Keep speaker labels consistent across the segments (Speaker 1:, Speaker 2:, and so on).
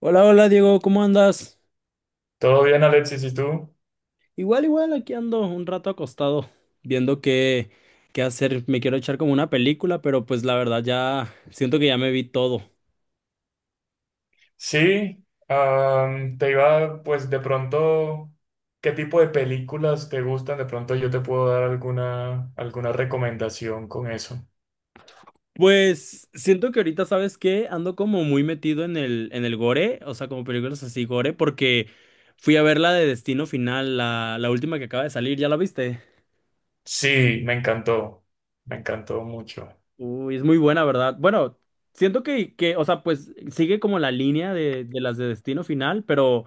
Speaker 1: Hola, hola Diego, ¿cómo andas?
Speaker 2: Todo bien, Alexis, ¿y tú?
Speaker 1: Igual, igual, aquí ando un rato acostado, viendo qué hacer. Me quiero echar como una película, pero pues la verdad ya siento que ya me vi todo.
Speaker 2: Sí, te iba, pues de pronto, ¿qué tipo de películas te gustan? De pronto yo te puedo dar alguna recomendación con eso.
Speaker 1: Pues siento que ahorita, ¿sabes qué? Ando como muy metido en el gore, o sea, como películas así gore, porque fui a ver la de Destino Final, la última que acaba de salir, ¿ya la viste?
Speaker 2: Sí, me encantó mucho.
Speaker 1: Uy, es muy buena, ¿verdad? Bueno, siento que, o sea, pues sigue como la línea de las de Destino Final, pero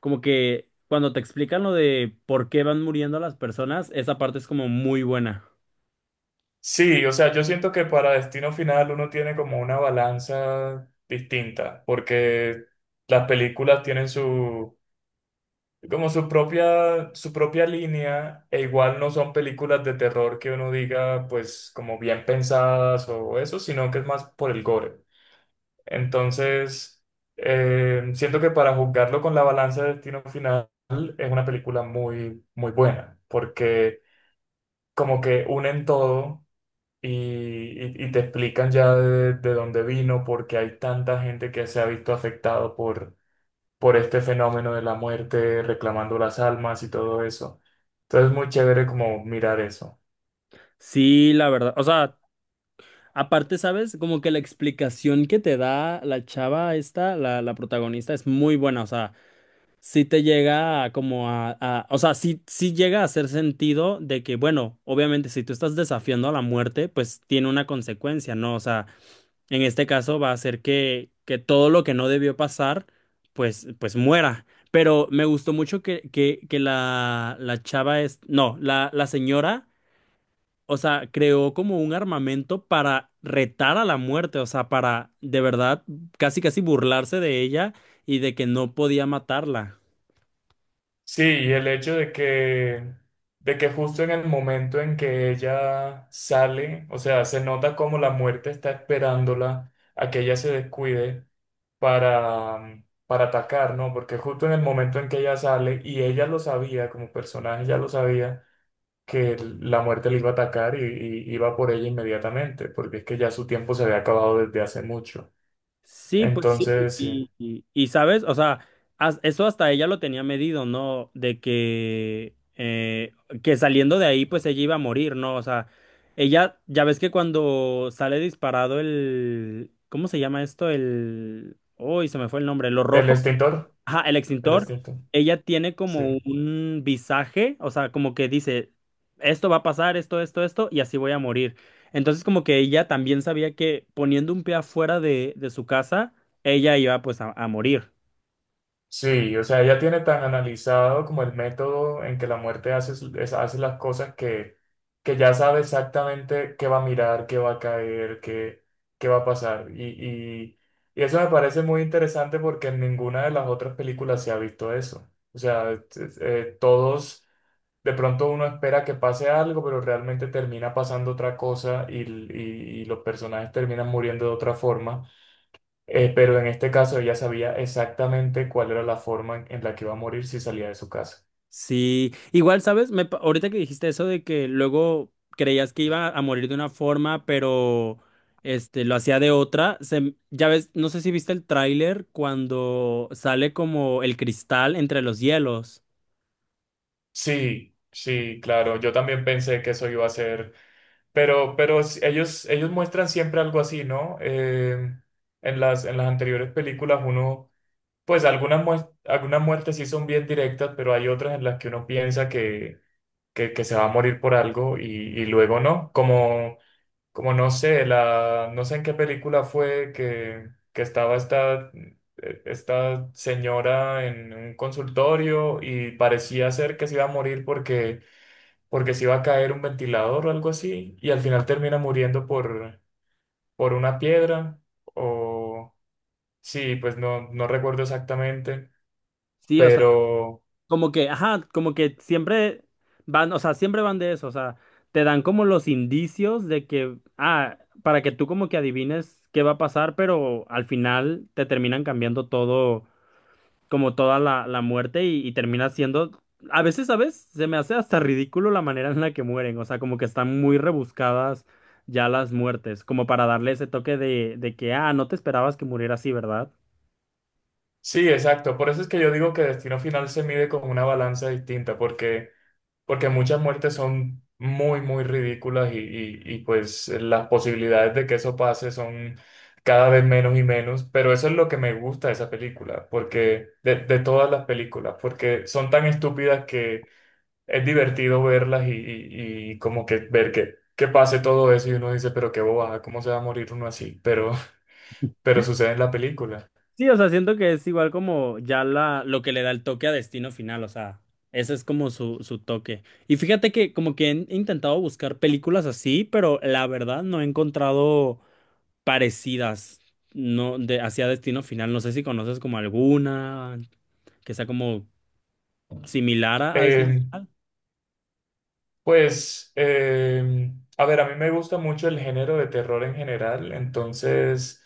Speaker 1: como que cuando te explican lo de por qué van muriendo las personas, esa parte es como muy buena.
Speaker 2: Sí, o sea, yo siento que para Destino Final uno tiene como una balanza distinta, porque las películas tienen su como su propia línea, e igual no son películas de terror que uno diga, pues, como bien pensadas o eso, sino que es más por el gore. Entonces, siento que para juzgarlo con la balanza de Destino Final es una película muy, muy buena, porque como que unen todo y te explican ya de dónde vino, porque hay tanta gente que se ha visto afectado por este fenómeno de la muerte, reclamando las almas y todo eso. Entonces, muy chévere como mirar eso.
Speaker 1: Sí, la verdad. O sea, aparte, ¿sabes? Como que la explicación que te da la chava esta, la protagonista, es muy buena. O sea, sí te llega a o sea, sí llega a hacer sentido de que, bueno, obviamente si tú estás desafiando a la muerte, pues tiene una consecuencia, ¿no? O sea, en este caso va a hacer que todo lo que no debió pasar, pues muera. Pero me gustó mucho que la chava es, no, la señora, o sea, creó como un armamento para retar a la muerte, o sea, para de verdad casi casi burlarse de ella y de que no podía matarla.
Speaker 2: Sí, y el hecho de que justo en el momento en que ella sale, o sea, se nota como la muerte está esperándola a que ella se descuide para atacar, ¿no? Porque justo en el momento en que ella sale, y ella lo sabía como personaje, ella lo sabía, que la muerte le iba a atacar y iba por ella inmediatamente, porque es que ya su tiempo se había acabado desde hace mucho.
Speaker 1: Sí, pues sí,
Speaker 2: Entonces, sí.
Speaker 1: y, sabes, o sea, eso hasta ella lo tenía medido, ¿no? De que, que saliendo de ahí, pues ella iba a morir, ¿no? O sea, ella, ya ves que cuando sale disparado el, ¿cómo se llama esto? El, uy, se me fue el nombre, lo
Speaker 2: El
Speaker 1: rojo.
Speaker 2: extintor,
Speaker 1: Ajá, el
Speaker 2: el
Speaker 1: extintor,
Speaker 2: extintor,
Speaker 1: ella tiene
Speaker 2: sí.
Speaker 1: como un visaje, o sea, como que dice, esto va a pasar, esto, y así voy a morir. Entonces, como que ella también sabía que poniendo un pie afuera de su casa, ella iba pues a morir.
Speaker 2: Sí, o sea, ella tiene tan analizado como el método en que la muerte hace, hace las cosas que ya sabe exactamente qué va a mirar, qué va a caer, qué, qué va a pasar. Y eso me parece muy interesante porque en ninguna de las otras películas se ha visto eso. O sea, todos de pronto uno espera que pase algo, pero realmente termina pasando otra cosa y, y los personajes terminan muriendo de otra forma. Pero en este caso ella sabía exactamente cuál era la forma en la que iba a morir si salía de su casa.
Speaker 1: Sí, igual, ¿sabes? Ahorita que dijiste eso de que luego creías que iba a morir de una forma, pero este lo hacía de otra, ya ves, no sé si viste el tráiler cuando sale como el cristal entre los hielos.
Speaker 2: Sí, sí, claro, yo también pensé que eso iba a ser, pero, ellos, ellos muestran siempre algo así, ¿no? En en las anteriores películas uno, pues algunas, algunas muertes sí son bien directas, pero hay otras en las que uno piensa que se va a morir por algo y luego no, como, como no sé, no sé en qué película fue que estaba esta, esta señora en un consultorio y parecía ser que se iba a morir porque, porque se iba a caer un ventilador o algo así y al final termina muriendo por una piedra o sí, pues no, no recuerdo exactamente,
Speaker 1: Sí, o sea,
Speaker 2: pero...
Speaker 1: como que, ajá, como que siempre van, o sea, siempre van de eso, o sea, te dan como los indicios de que, ah, para que tú como que adivines qué va a pasar, pero al final te terminan cambiando todo como toda la muerte y termina siendo, a veces, ¿sabes? Se me hace hasta ridículo la manera en la que mueren, o sea, como que están muy rebuscadas ya las muertes, como para darle ese toque de que, ah, no te esperabas que muriera así, ¿verdad?
Speaker 2: Sí, exacto. Por eso es que yo digo que Destino Final se mide con una balanza distinta, porque muchas muertes son muy, muy ridículas y, pues las posibilidades de que eso pase son cada vez menos y menos, pero eso es lo que me gusta de esa película, porque de todas las películas, porque son tan estúpidas que es divertido verlas y como que ver que pase todo eso y uno dice, pero qué bobada, ¿cómo se va a morir uno así? Pero, pero sucede en la película.
Speaker 1: Sí, o sea, siento que es igual como ya la, lo que le da el toque a Destino Final, o sea, ese es como su toque. Y fíjate que como que he intentado buscar películas así, pero la verdad no he encontrado parecidas, no, de, hacia Destino Final. No sé si conoces como alguna que sea como similar a Destino.
Speaker 2: Eh, pues, a ver, a mí me gusta mucho el género de terror en general, entonces...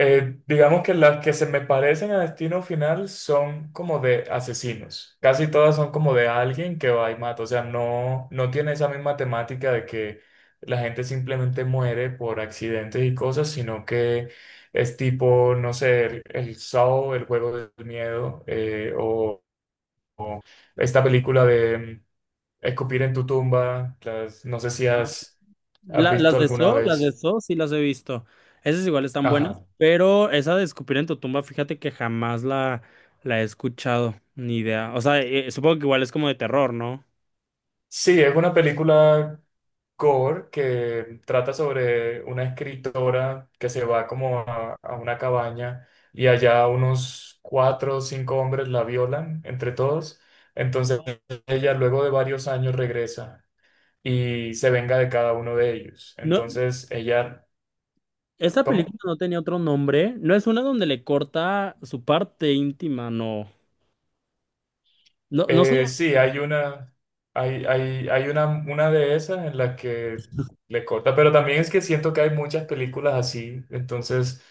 Speaker 2: Digamos que las que se me parecen a Destino Final son como de asesinos. Casi todas son como de alguien que va y mata. O sea, no, no tiene esa misma temática de que la gente simplemente muere por accidentes y cosas, sino que es tipo, no sé, el Saw, el juego del miedo, o esta película de Escupir en tu tumba. No sé si has, has
Speaker 1: Las
Speaker 2: visto
Speaker 1: de
Speaker 2: alguna
Speaker 1: So, las de
Speaker 2: vez.
Speaker 1: So sí las he visto. Esas igual están buenas,
Speaker 2: Ajá.
Speaker 1: pero esa de Escupir en tu tumba, fíjate que jamás la he escuchado, ni idea. O sea, supongo que igual es como de terror, ¿no?
Speaker 2: Sí, es una película core, que trata sobre una escritora que se va como a una cabaña y allá unos cuatro o cinco hombres la violan entre todos. Entonces ella luego de varios años regresa y se venga de cada uno de ellos.
Speaker 1: No,
Speaker 2: Entonces ella,
Speaker 1: esa
Speaker 2: ¿cómo?
Speaker 1: película no tenía otro nombre. No es una donde le corta su parte íntima, no. No, no sé.
Speaker 2: Sí, hay una, hay una de esas en la que le corta, pero también es que siento que hay muchas películas así, entonces...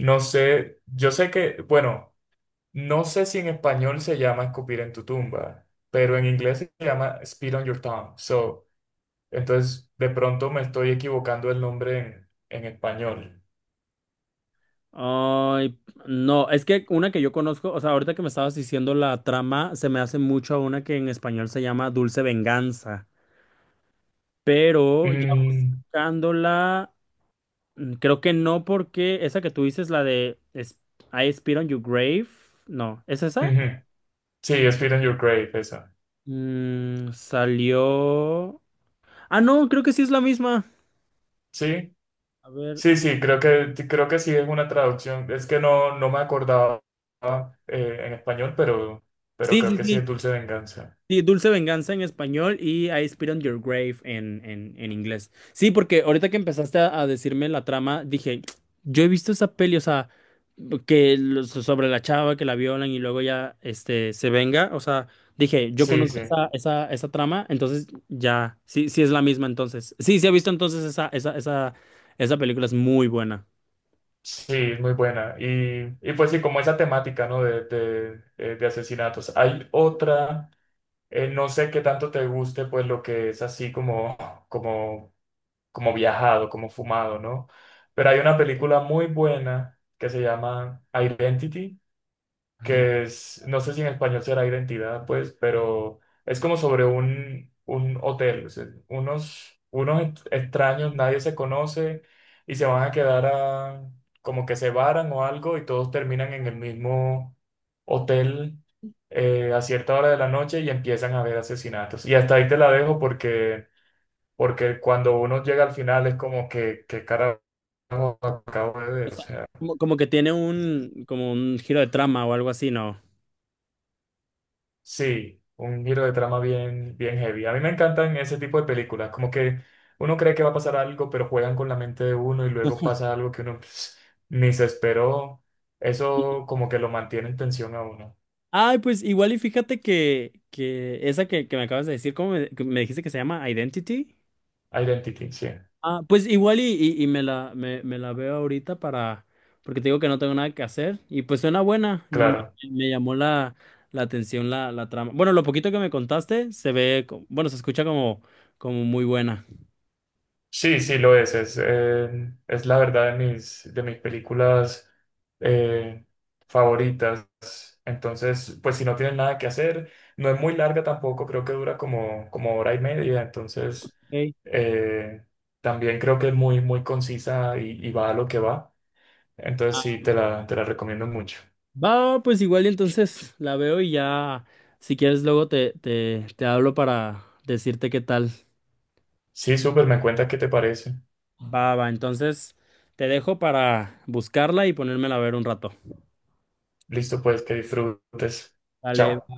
Speaker 2: No sé, yo sé que, bueno, no sé si en español se llama escupir en tu tumba, pero en inglés se llama spit on your tongue. So, entonces, de pronto me estoy equivocando el nombre en español.
Speaker 1: Ay, no, es que una que yo conozco, o sea, ahorita que me estabas diciendo la trama, se me hace mucho a una que en español se llama Dulce Venganza, pero ya
Speaker 2: Mm,
Speaker 1: buscándola, mm, creo que no porque esa que tú dices, I Spit on Your Grave, no, ¿es esa?
Speaker 2: ujú. Sí, spit on your grave, esa.
Speaker 1: Mm, salió. Ah, no, creo que sí es la misma.
Speaker 2: Sí,
Speaker 1: A ver,
Speaker 2: sí, sí, creo que sí es una traducción. Es que no, no me acordaba en español, pero
Speaker 1: sí,
Speaker 2: creo
Speaker 1: sí,
Speaker 2: que sí es
Speaker 1: sí.
Speaker 2: dulce venganza.
Speaker 1: Sí, Dulce Venganza en español y I Spit on Your Grave en inglés. Sí, porque ahorita que empezaste a decirme la trama, dije, yo he visto esa peli, o sea, sobre la chava que la violan y luego ya este, se venga, o sea, dije, yo
Speaker 2: Sí,
Speaker 1: conozco
Speaker 2: sí.
Speaker 1: esa trama, entonces ya, sí, sí es la misma entonces. Sí, sí he visto entonces esa película es muy buena.
Speaker 2: Sí, es muy buena. Y pues sí, como esa temática, ¿no? De asesinatos. Hay otra, no sé qué tanto te guste, pues lo que es así como, como, como viajado, como fumado, ¿no? Pero hay una película muy buena que se llama Identity que es, no sé si en español será identidad, pues, pero es como sobre un hotel, o sea, unos, extraños, nadie se conoce y se van a quedar a, como que se varan o algo y todos terminan en el mismo hotel a cierta hora de la noche y empiezan a haber asesinatos. Y hasta ahí te la dejo porque, porque cuando uno llega al final es como que carajo acabo de
Speaker 1: O
Speaker 2: ver, o
Speaker 1: sea,
Speaker 2: sea.
Speaker 1: como, como que tiene un, como un giro de trama o algo así, ¿no?
Speaker 2: Sí, un giro de trama bien, bien heavy. A mí me encantan ese tipo de películas, como que uno cree que va a pasar algo, pero juegan con la mente de uno y luego pasa algo que uno pues, ni se esperó. Eso como que lo mantiene en tensión a uno.
Speaker 1: Ay, pues igual y fíjate que esa que me acabas de decir, ¿cómo me, que me dijiste que se llama Identity?
Speaker 2: Identity, sí,
Speaker 1: Ah, pues igual y me me la veo ahorita para, porque te digo que no tengo nada que hacer y pues suena buena, y me,
Speaker 2: claro.
Speaker 1: me llamó la atención la trama. Bueno, lo poquito que me contaste se ve, bueno, se escucha como, como muy buena.
Speaker 2: Sí, sí, lo es. Es la verdad de mis películas eh, favoritas. Entonces, pues si no tienen nada que hacer, no es muy larga tampoco, creo que dura como, como hora y media. Entonces,
Speaker 1: Ok.
Speaker 2: eh, también creo que es muy, muy concisa y va a lo que va. Entonces, sí,
Speaker 1: Ah,
Speaker 2: te la recomiendo mucho.
Speaker 1: va, pues igual y entonces la veo y ya, si quieres luego te hablo para decirte qué tal.
Speaker 2: Sí, súper, me cuenta qué te parece.
Speaker 1: Va, va, entonces te dejo para buscarla y ponérmela a ver un rato.
Speaker 2: Listo, pues, que disfrutes.
Speaker 1: Dale,
Speaker 2: Chao.